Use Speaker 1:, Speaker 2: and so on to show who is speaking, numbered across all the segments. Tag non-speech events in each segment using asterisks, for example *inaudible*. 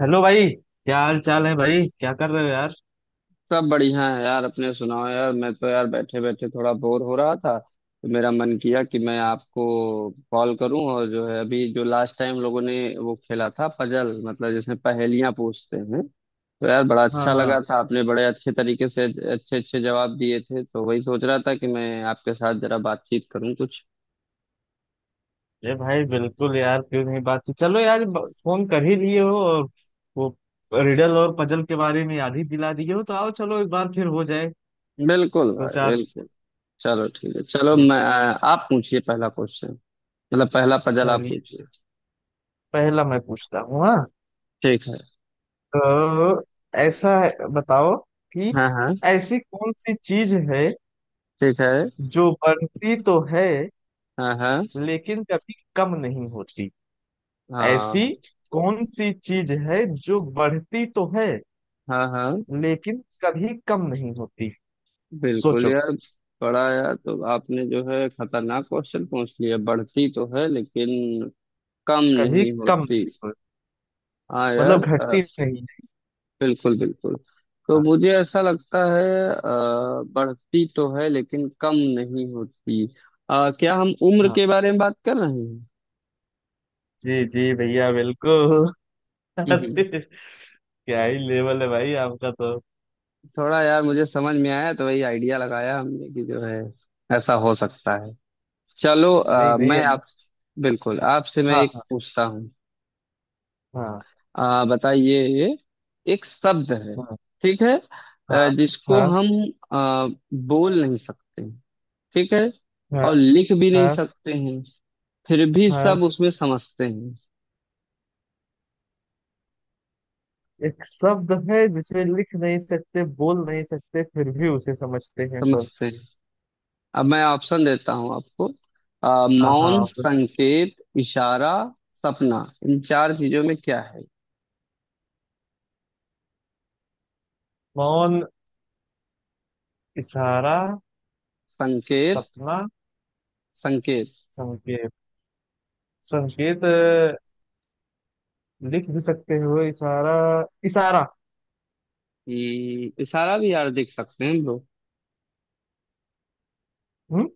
Speaker 1: Hello भाई। क्या हाल चाल है भाई, क्या कर रहे हो यार?
Speaker 2: सब बढ़िया है यार। अपने सुनाओ। यार मैं तो यार बैठे बैठे थोड़ा बोर हो रहा था, तो मेरा मन किया कि मैं आपको कॉल करूं। और जो है, अभी जो लास्ट टाइम लोगों ने वो खेला था पजल, मतलब जिसमें पहेलियां पूछते हैं, तो यार बड़ा
Speaker 1: हाँ
Speaker 2: अच्छा
Speaker 1: हाँ।
Speaker 2: लगा था। आपने बड़े अच्छे तरीके से अच्छे अच्छे जवाब दिए थे, तो वही सोच रहा था कि मैं आपके साथ जरा बातचीत करूं कुछ।
Speaker 1: अरे भाई बिल्कुल यार, क्यों नहीं बातचीत। चलो यार, फोन कर ही लिए हो और वो रिडल और पजल के बारे में याद ही दिला दिए हो, तो आओ चलो एक बार फिर हो जाए
Speaker 2: बिल्कुल
Speaker 1: दो
Speaker 2: भाई,
Speaker 1: चार।
Speaker 2: बिल्कुल। चलो ठीक है, चलो
Speaker 1: तो
Speaker 2: मैं, आप पूछिए पहला क्वेश्चन। मतलब पहला पजल आप
Speaker 1: चलिए,
Speaker 2: पूछिए।
Speaker 1: पहला मैं पूछता हूँ। हाँ,
Speaker 2: ठीक है।
Speaker 1: तो ऐसा है, बताओ कि
Speaker 2: हाँ हाँ।
Speaker 1: ऐसी कौन सी चीज है
Speaker 2: ठीक है।
Speaker 1: जो बढ़ती तो है
Speaker 2: हाँ हाँ।
Speaker 1: लेकिन कभी कम नहीं होती। ऐसी
Speaker 2: हाँ।
Speaker 1: कौन सी चीज है जो बढ़ती तो है
Speaker 2: हाँ। हाँ
Speaker 1: लेकिन कभी कम नहीं होती?
Speaker 2: बिल्कुल
Speaker 1: सोचो।
Speaker 2: यार। बड़ा यार, तो आपने जो है खतरनाक क्वेश्चन पूछ लिया। बढ़ती तो है लेकिन कम
Speaker 1: कभी
Speaker 2: नहीं
Speaker 1: कम
Speaker 2: होती।
Speaker 1: नहीं होती
Speaker 2: हाँ
Speaker 1: मतलब
Speaker 2: यार।
Speaker 1: घटती नहीं है।
Speaker 2: बिल्कुल बिल्कुल। तो
Speaker 1: हाँ
Speaker 2: मुझे ऐसा लगता है, अ, बढ़ती तो है लेकिन कम नहीं होती। क्या हम उम्र
Speaker 1: हाँ।
Speaker 2: के बारे में बात कर रहे हैं?
Speaker 1: जी जी भैया बिल्कुल। *laughs*
Speaker 2: हम्म।
Speaker 1: अरे क्या ही लेवल है भाई आपका तो।
Speaker 2: थोड़ा यार मुझे समझ में आया तो वही आइडिया लगाया हमने कि जो है, ऐसा हो सकता है। चलो,
Speaker 1: नहीं नहीं है।
Speaker 2: मैं आप, बिल्कुल आपसे मैं
Speaker 1: हाँ
Speaker 2: एक पूछता हूँ।
Speaker 1: हाँ।
Speaker 2: बताइए, एक शब्द है,
Speaker 1: हाँ
Speaker 2: ठीक है,
Speaker 1: हाँ।
Speaker 2: जिसको
Speaker 1: हाँ
Speaker 2: हम आ, बोल नहीं सकते, ठीक है,
Speaker 1: हाँ।
Speaker 2: और लिख भी नहीं
Speaker 1: हाँ
Speaker 2: सकते हैं, फिर भी
Speaker 1: हाँ।
Speaker 2: सब
Speaker 1: हाँ।
Speaker 2: उसमें समझते हैं,
Speaker 1: एक शब्द है जिसे लिख नहीं सकते, बोल नहीं सकते, फिर भी उसे समझते हैं सब।
Speaker 2: समझते हैं। अब मैं ऑप्शन देता हूँ आपको।
Speaker 1: हाँ
Speaker 2: मौन,
Speaker 1: हाँ। तो
Speaker 2: संकेत, इशारा, सपना। इन चार चीजों में क्या है?
Speaker 1: मौन, इशारा,
Speaker 2: संकेत।
Speaker 1: सपना,
Speaker 2: संकेत।
Speaker 1: संकेत। संकेत। लिख भी सकते हो इशारा। इशारा।
Speaker 2: हम्म। इशारा भी यार देख सकते हैं हम लोग।
Speaker 1: हम्म।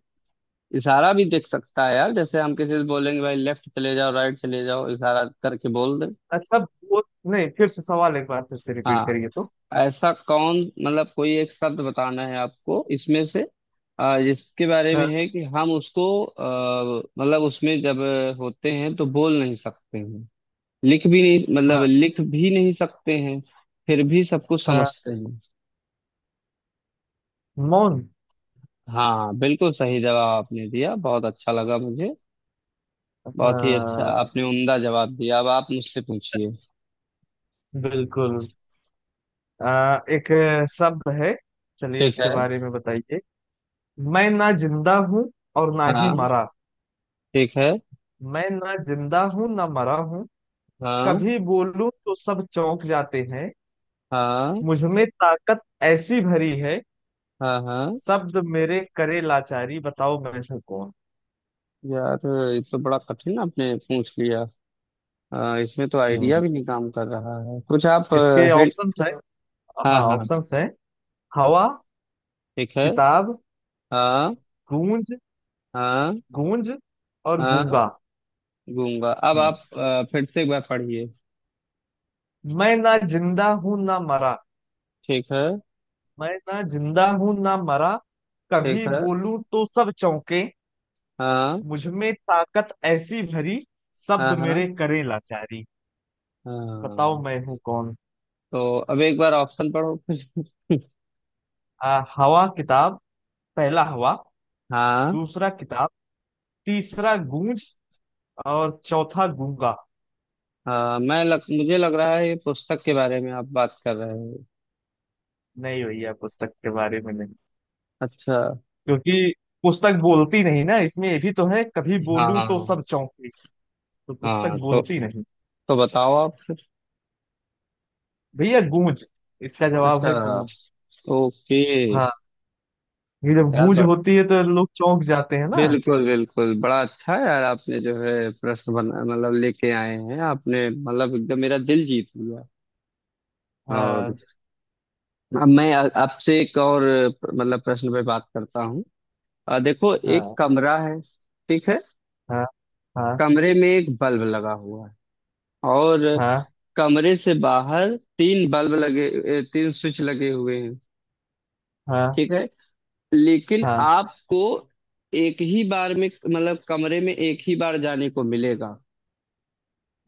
Speaker 2: इशारा भी देख सकता है यार, जैसे हम किसी से बोलेंगे भाई लेफ्ट चले जाओ, राइट चले जाओ, इशारा करके बोल दे।
Speaker 1: अच्छा, वो नहीं, फिर से सवाल एक बार फिर से रिपीट
Speaker 2: हाँ।
Speaker 1: करिए तो।
Speaker 2: ऐसा कौन, मतलब कोई एक शब्द बताना है आपको इसमें से, जिसके बारे में
Speaker 1: हाँ
Speaker 2: है कि हम उसको, मतलब उसमें जब होते हैं तो बोल नहीं सकते हैं, लिख भी नहीं, मतलब
Speaker 1: हाँ।
Speaker 2: लिख भी नहीं सकते हैं, फिर भी सब कुछ
Speaker 1: हाँ,
Speaker 2: समझते हैं।
Speaker 1: मौन।
Speaker 2: हाँ बिल्कुल सही जवाब आपने दिया, बहुत अच्छा लगा मुझे। बहुत ही अच्छा
Speaker 1: हाँ,
Speaker 2: आपने उम्दा जवाब दिया। अब आप मुझसे पूछिए।
Speaker 1: बिल्कुल। एक शब्द है, चलिए
Speaker 2: ठीक है।
Speaker 1: उसके बारे में बताइए। मैं ना जिंदा हूँ और ना ही
Speaker 2: हाँ।
Speaker 1: मरा।
Speaker 2: ठीक है।
Speaker 1: मैं ना जिंदा हूँ ना मरा हूँ।
Speaker 2: हाँ
Speaker 1: कभी बोलूं तो सब चौंक जाते हैं।
Speaker 2: हाँ।
Speaker 1: मुझ में ताकत ऐसी भरी है।
Speaker 2: हाँ। हाँ
Speaker 1: शब्द मेरे करे लाचारी। बताओ मैं हूँ कौन?
Speaker 2: यार, ये तो बड़ा कठिन आपने पूछ लिया। इसमें तो आइडिया
Speaker 1: हम्म।
Speaker 2: भी नहीं काम कर रहा है कुछ। आप
Speaker 1: इसके
Speaker 2: हिंट।
Speaker 1: ऑप्शंस है।
Speaker 2: हाँ
Speaker 1: हाँ,
Speaker 2: हाँ।
Speaker 1: ऑप्शंस है। हवा,
Speaker 2: ठीक है।
Speaker 1: किताब,
Speaker 2: हाँ।
Speaker 1: गूंज।
Speaker 2: हाँ।
Speaker 1: गूंज और
Speaker 2: हाँ।
Speaker 1: गूंगा।
Speaker 2: गूंगा। अब
Speaker 1: हम्म।
Speaker 2: आप फिर से एक बार पढ़िए।
Speaker 1: मैं ना जिंदा हूं ना मरा।
Speaker 2: ठीक है।
Speaker 1: मैं ना जिंदा हूं ना मरा।
Speaker 2: ठीक
Speaker 1: कभी
Speaker 2: है।
Speaker 1: बोलूं तो सब चौंके।
Speaker 2: हाँ।
Speaker 1: मुझ में ताकत ऐसी भरी। शब्द
Speaker 2: हाँ। हाँ।
Speaker 1: मेरे करे लाचारी। बताओ
Speaker 2: हाँ।
Speaker 1: मैं हूं कौन?
Speaker 2: तो अब एक बार ऑप्शन पढ़ो फिर।
Speaker 1: हवा, किताब। पहला हवा,
Speaker 2: हाँ
Speaker 1: दूसरा किताब, तीसरा गूंज, और चौथा गूंगा।
Speaker 2: हाँ। मुझे लग रहा है ये पुस्तक के बारे में आप बात कर रहे हैं।
Speaker 1: नहीं भैया, पुस्तक के बारे में नहीं।
Speaker 2: अच्छा।
Speaker 1: क्योंकि पुस्तक बोलती नहीं ना, इसमें ये भी तो है कभी बोलूं तो
Speaker 2: हाँ
Speaker 1: सब चौंके। तो पुस्तक
Speaker 2: हाँ तो
Speaker 1: बोलती नहीं।
Speaker 2: तो बताओ आप।
Speaker 1: भैया गूंज, इसका जवाब
Speaker 2: अच्छा।
Speaker 1: है गूंज।
Speaker 2: ओके।
Speaker 1: हाँ, ये जब
Speaker 2: यार
Speaker 1: गूंज
Speaker 2: ब-
Speaker 1: होती है तो लोग चौंक जाते हैं ना।
Speaker 2: बिल्कुल बिल्कुल। बड़ा अच्छा यार आपने जो है प्रश्न बना, मतलब लेके आए हैं आपने, मतलब एकदम मेरा दिल जीत लिया। और
Speaker 1: हाँ
Speaker 2: अब मैं आपसे एक और मतलब प्रश्न पे बात करता हूँ। देखो, एक
Speaker 1: हाँ।
Speaker 2: कमरा है, ठीक है,
Speaker 1: हाँ हाँ।
Speaker 2: कमरे में एक बल्ब लगा हुआ है, और
Speaker 1: हाँ
Speaker 2: कमरे से बाहर तीन बल्ब लगे, तीन स्विच लगे हुए हैं,
Speaker 1: हाँ।
Speaker 2: ठीक है। लेकिन
Speaker 1: हाँ
Speaker 2: आपको एक ही बार में, मतलब कमरे में एक ही बार जाने को मिलेगा।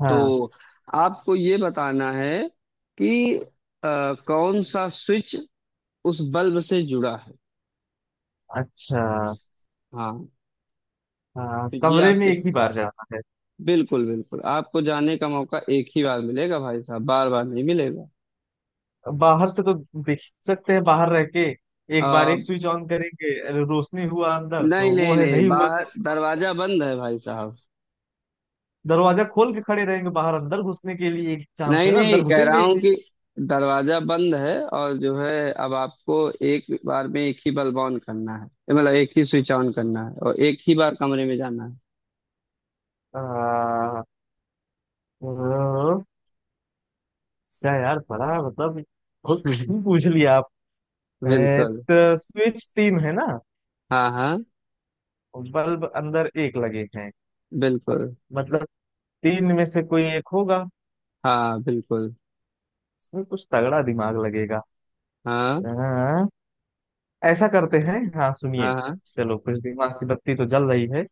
Speaker 1: हाँ।
Speaker 2: तो आपको ये बताना है कि कौन सा स्विच उस बल्ब से जुड़ा है।
Speaker 1: अच्छा।
Speaker 2: हाँ।
Speaker 1: हाँ,
Speaker 2: तो ये
Speaker 1: कमरे में
Speaker 2: आपके,
Speaker 1: एक ही बार जाना है।
Speaker 2: बिल्कुल बिल्कुल आपको जाने का मौका एक ही बार मिलेगा भाई साहब, बार बार नहीं मिलेगा।
Speaker 1: बाहर से तो देख सकते हैं, बाहर रह के एक बार
Speaker 2: अ,
Speaker 1: एक स्विच ऑन करेंगे, अरे रोशनी हुआ अंदर
Speaker 2: नहीं
Speaker 1: तो वो
Speaker 2: नहीं
Speaker 1: है,
Speaker 2: नहीं,
Speaker 1: नहीं हुआ।
Speaker 2: बाहर दरवाजा बंद है भाई साहब।
Speaker 1: दरवाजा खोल के खड़े रहेंगे बाहर, अंदर घुसने के लिए एक चांस
Speaker 2: नहीं
Speaker 1: है ना,
Speaker 2: नहीं,
Speaker 1: अंदर
Speaker 2: कह रहा
Speaker 1: घुसेंगे ही
Speaker 2: हूँ
Speaker 1: नहीं।
Speaker 2: कि दरवाजा बंद है, और जो है अब आपको एक बार में एक ही बल्ब ऑन करना है, मतलब एक ही स्विच ऑन करना है, और एक ही बार कमरे में जाना है।
Speaker 1: आ, ओ, क्या यार, बड़ा मतलब बहुत कठिन
Speaker 2: *laughs*
Speaker 1: पूछ लिया आप। ए,
Speaker 2: बिल्कुल।
Speaker 1: तो स्विच तीन है ना?
Speaker 2: हाँ हाँ।
Speaker 1: बल्ब अंदर एक लगे हैं।
Speaker 2: बिल्कुल।
Speaker 1: मतलब तीन में से कोई एक होगा।
Speaker 2: हाँ बिल्कुल।
Speaker 1: इसमें कुछ तगड़ा दिमाग लगेगा।
Speaker 2: हाँ
Speaker 1: हाँ, ऐसा करते हैं, हाँ सुनिए।
Speaker 2: हाँ। हाँ।
Speaker 1: चलो कुछ दिमाग की बत्ती तो जल रही है।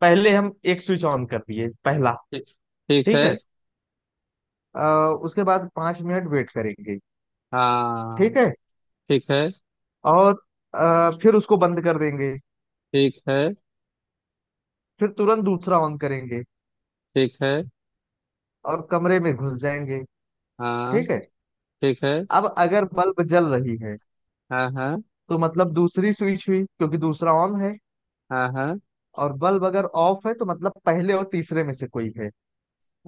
Speaker 1: पहले हम एक स्विच ऑन कर दिए, पहला।
Speaker 2: ठीक। ठीक है।
Speaker 1: ठीक है। अ, उसके बाद 5 मिनट वेट करेंगे।
Speaker 2: हाँ।
Speaker 1: ठीक है।
Speaker 2: ठीक है।
Speaker 1: और फिर उसको बंद कर देंगे।
Speaker 2: ठीक है।
Speaker 1: फिर तुरंत दूसरा ऑन करेंगे
Speaker 2: ठीक है।
Speaker 1: और कमरे में घुस जाएंगे।
Speaker 2: हाँ।
Speaker 1: ठीक है।
Speaker 2: ठीक है।
Speaker 1: अब अगर बल्ब जल रही है
Speaker 2: हाँ हाँ।
Speaker 1: तो मतलब दूसरी स्विच हुई, क्योंकि दूसरा ऑन है।
Speaker 2: हाँ। हाँ
Speaker 1: और बल्ब अगर ऑफ है तो मतलब पहले और तीसरे में से कोई है।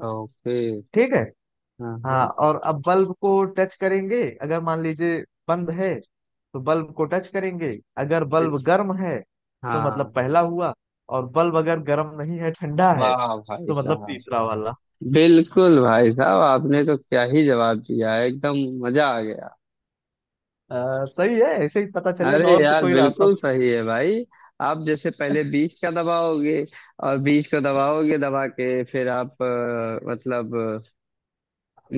Speaker 2: ओके।
Speaker 1: ठीक है।
Speaker 2: हाँ
Speaker 1: हाँ,
Speaker 2: हाँ।
Speaker 1: और अब बल्ब को टच करेंगे। अगर मान लीजिए बंद है तो बल्ब को टच करेंगे, अगर बल्ब
Speaker 2: ठीक-
Speaker 1: गर्म है तो मतलब
Speaker 2: हाँ।
Speaker 1: पहला हुआ। और बल्ब अगर गर्म नहीं है, ठंडा है,
Speaker 2: वाह भाई
Speaker 1: तो मतलब
Speaker 2: साहब।
Speaker 1: तीसरा वाला।
Speaker 2: बिल्कुल भाई साहब, आपने तो क्या ही जवाब दिया है एकदम, मजा आ गया।
Speaker 1: हाँ, सही है, ऐसे ही पता चलेगा,
Speaker 2: अरे
Speaker 1: और तो
Speaker 2: यार
Speaker 1: कोई रास्ता
Speaker 2: बिल्कुल
Speaker 1: मुझे
Speaker 2: सही है भाई। आप जैसे पहले बीज का दबाओगे, और बीज को दबाओगे, दबा के फिर आप, मतलब,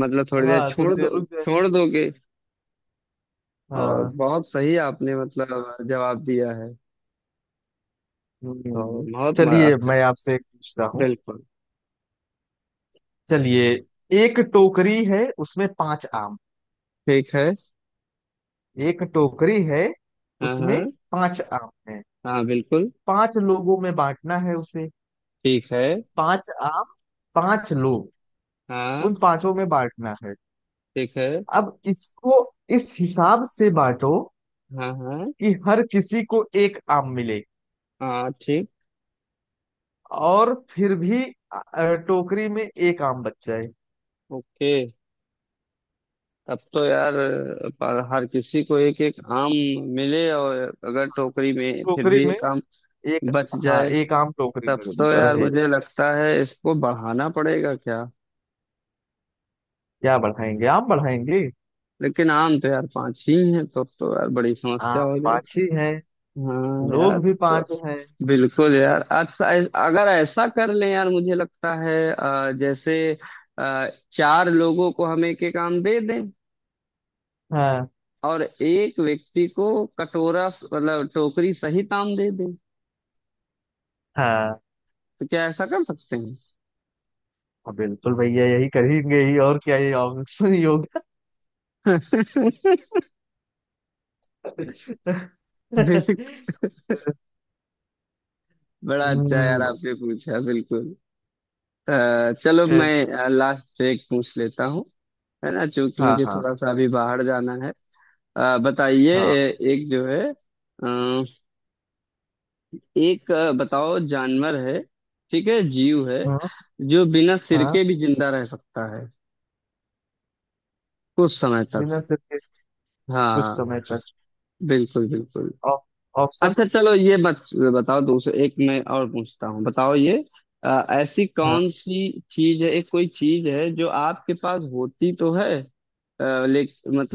Speaker 2: मतलब थोड़ी
Speaker 1: नहीं-
Speaker 2: देर
Speaker 1: हाँ थोड़ी
Speaker 2: छोड़
Speaker 1: देर
Speaker 2: दो,
Speaker 1: रुक जाए।
Speaker 2: छोड़ दोगे। और
Speaker 1: हाँ।
Speaker 2: बहुत सही आपने मतलब जवाब दिया है। तो
Speaker 1: हम्म। चलिए,
Speaker 2: अच्छा।
Speaker 1: मैं आपसे एक पूछता हूँ।
Speaker 2: बिल्कुल।
Speaker 1: चलिए। एक टोकरी है, उसमें पांच आम।
Speaker 2: ठीक है।
Speaker 1: एक टोकरी है,
Speaker 2: हाँ।
Speaker 1: उसमें
Speaker 2: हाँ।
Speaker 1: पांच आम है।
Speaker 2: हाँ। बिल्कुल।
Speaker 1: पांच लोगों में बांटना है उसे।
Speaker 2: ठीक है।
Speaker 1: पांच आम, पांच लोग,
Speaker 2: हाँ।
Speaker 1: उन पांचों में बांटना है।
Speaker 2: ठीक है।
Speaker 1: अब इसको इस हिसाब से बांटो
Speaker 2: हाँ। हाँ।
Speaker 1: कि हर किसी को एक आम मिले,
Speaker 2: हाँ। ठीक।
Speaker 1: और फिर भी अ, टोकरी में एक आम बच जाए।
Speaker 2: ओके। अब तो यार, पर हर किसी को एक एक आम मिले, और अगर टोकरी में फिर
Speaker 1: टोकरी
Speaker 2: भी
Speaker 1: में
Speaker 2: एक आम
Speaker 1: एक।
Speaker 2: बच
Speaker 1: हाँ,
Speaker 2: जाए,
Speaker 1: एक आम टोकरी
Speaker 2: तब
Speaker 1: में
Speaker 2: तो यार
Speaker 1: रहे।
Speaker 2: मुझे लगता है इसको बढ़ाना पड़ेगा क्या।
Speaker 1: क्या बढ़ाएंगे, आम बढ़ाएंगे?
Speaker 2: लेकिन आम तो यार पांच ही हैं, तो अब तो यार बड़ी समस्या
Speaker 1: आम
Speaker 2: हो
Speaker 1: पाँच
Speaker 2: जाएगी।
Speaker 1: ही हैं,
Speaker 2: हाँ यार
Speaker 1: लोग भी
Speaker 2: अब तो,
Speaker 1: पाँच हैं।
Speaker 2: बिल्कुल यार। अच्छा अगर ऐसा कर लें यार, मुझे लगता है जैसे चार लोगों को हम एक एक आम दे दें,
Speaker 1: हाँ
Speaker 2: और एक व्यक्ति को कटोरा, मतलब टोकरी सहित आम दे दें।
Speaker 1: हाँ।
Speaker 2: तो क्या ऐसा कर सकते हैं?
Speaker 1: हाँ, बिल्कुल भैया, यही करेंगे ही और क्या, ये ऑप्शन योगा।
Speaker 2: *laughs*
Speaker 1: *laughs*
Speaker 2: बेसिक। बड़ा अच्छा यार
Speaker 1: हम्म।
Speaker 2: आपने पूछा, बिल्कुल। चलो
Speaker 1: ए,
Speaker 2: मैं लास्ट से एक पूछ लेता हूँ, है ना, चूंकि
Speaker 1: हाँ
Speaker 2: मुझे
Speaker 1: हाँ।
Speaker 2: थोड़ा सा अभी बाहर जाना है। बताइए,
Speaker 1: हाँ
Speaker 2: एक जो है, अ, एक, बताओ, जानवर है, ठीक है, जीव है,
Speaker 1: हाँ।
Speaker 2: जो बिना सिर
Speaker 1: हाँ।
Speaker 2: के भी जिंदा रह सकता है कुछ समय तक।
Speaker 1: बिना सिर के? कुछ
Speaker 2: हाँ
Speaker 1: समय तक?
Speaker 2: बिल्कुल बिल्कुल।
Speaker 1: Op- option.
Speaker 2: अच्छा, चलो, बताओ, दूसरे एक मैं और पूछता हूँ, बताओ ये, ऐसी
Speaker 1: हाँ
Speaker 2: कौन सी चीज है, एक कोई चीज है जो आपके पास होती तो है, अ, ले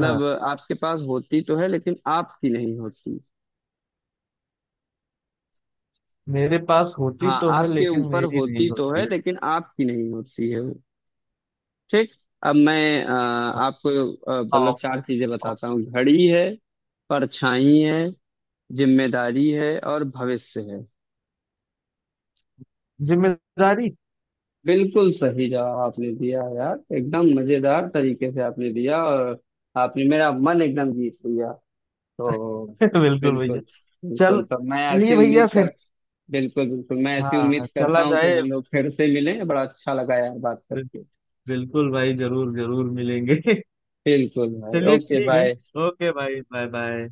Speaker 1: हाँ।
Speaker 2: आपके पास होती तो है लेकिन आपकी नहीं होती।
Speaker 1: मेरे पास होती
Speaker 2: हाँ,
Speaker 1: तो है
Speaker 2: आपके
Speaker 1: लेकिन
Speaker 2: ऊपर
Speaker 1: मेरी नहीं
Speaker 2: होती तो
Speaker 1: होती।
Speaker 2: है लेकिन आपकी नहीं होती है वो। ठीक। अब मैं
Speaker 1: हाँ,
Speaker 2: आपको
Speaker 1: हाँ,
Speaker 2: मतलब
Speaker 1: ऑप्शन,
Speaker 2: चार चीजें बताता
Speaker 1: ऑप्शन।
Speaker 2: हूँ। घड़ी है, परछाई है, जिम्मेदारी है, और भविष्य है।
Speaker 1: जिम्मेदारी।
Speaker 2: बिल्कुल सही जवाब आपने दिया यार, एकदम मजेदार तरीके से आपने दिया, और आपने मेरा मन एकदम जीत लिया। तो
Speaker 1: *laughs* बिल्कुल
Speaker 2: बिल्कुल,
Speaker 1: भैया।
Speaker 2: बिल्कुल,
Speaker 1: चल
Speaker 2: तो मैं
Speaker 1: लिए
Speaker 2: ऐसी उम्मीद
Speaker 1: भैया फिर।
Speaker 2: कर, बिल्कुल बिल्कुल मैं ऐसी उम्मीद
Speaker 1: हाँ,
Speaker 2: करता
Speaker 1: चला
Speaker 2: हूँ कि
Speaker 1: जाए।
Speaker 2: हम लोग फिर से मिलें। बड़ा अच्छा लगा यार बात करके।
Speaker 1: बिल्कुल भाई, जरूर जरूर मिलेंगे। *laughs*
Speaker 2: बिल्कुल भाई,
Speaker 1: चलिए
Speaker 2: ओके
Speaker 1: ठीक है।
Speaker 2: बाय।
Speaker 1: ओके भाई, बाय बाय।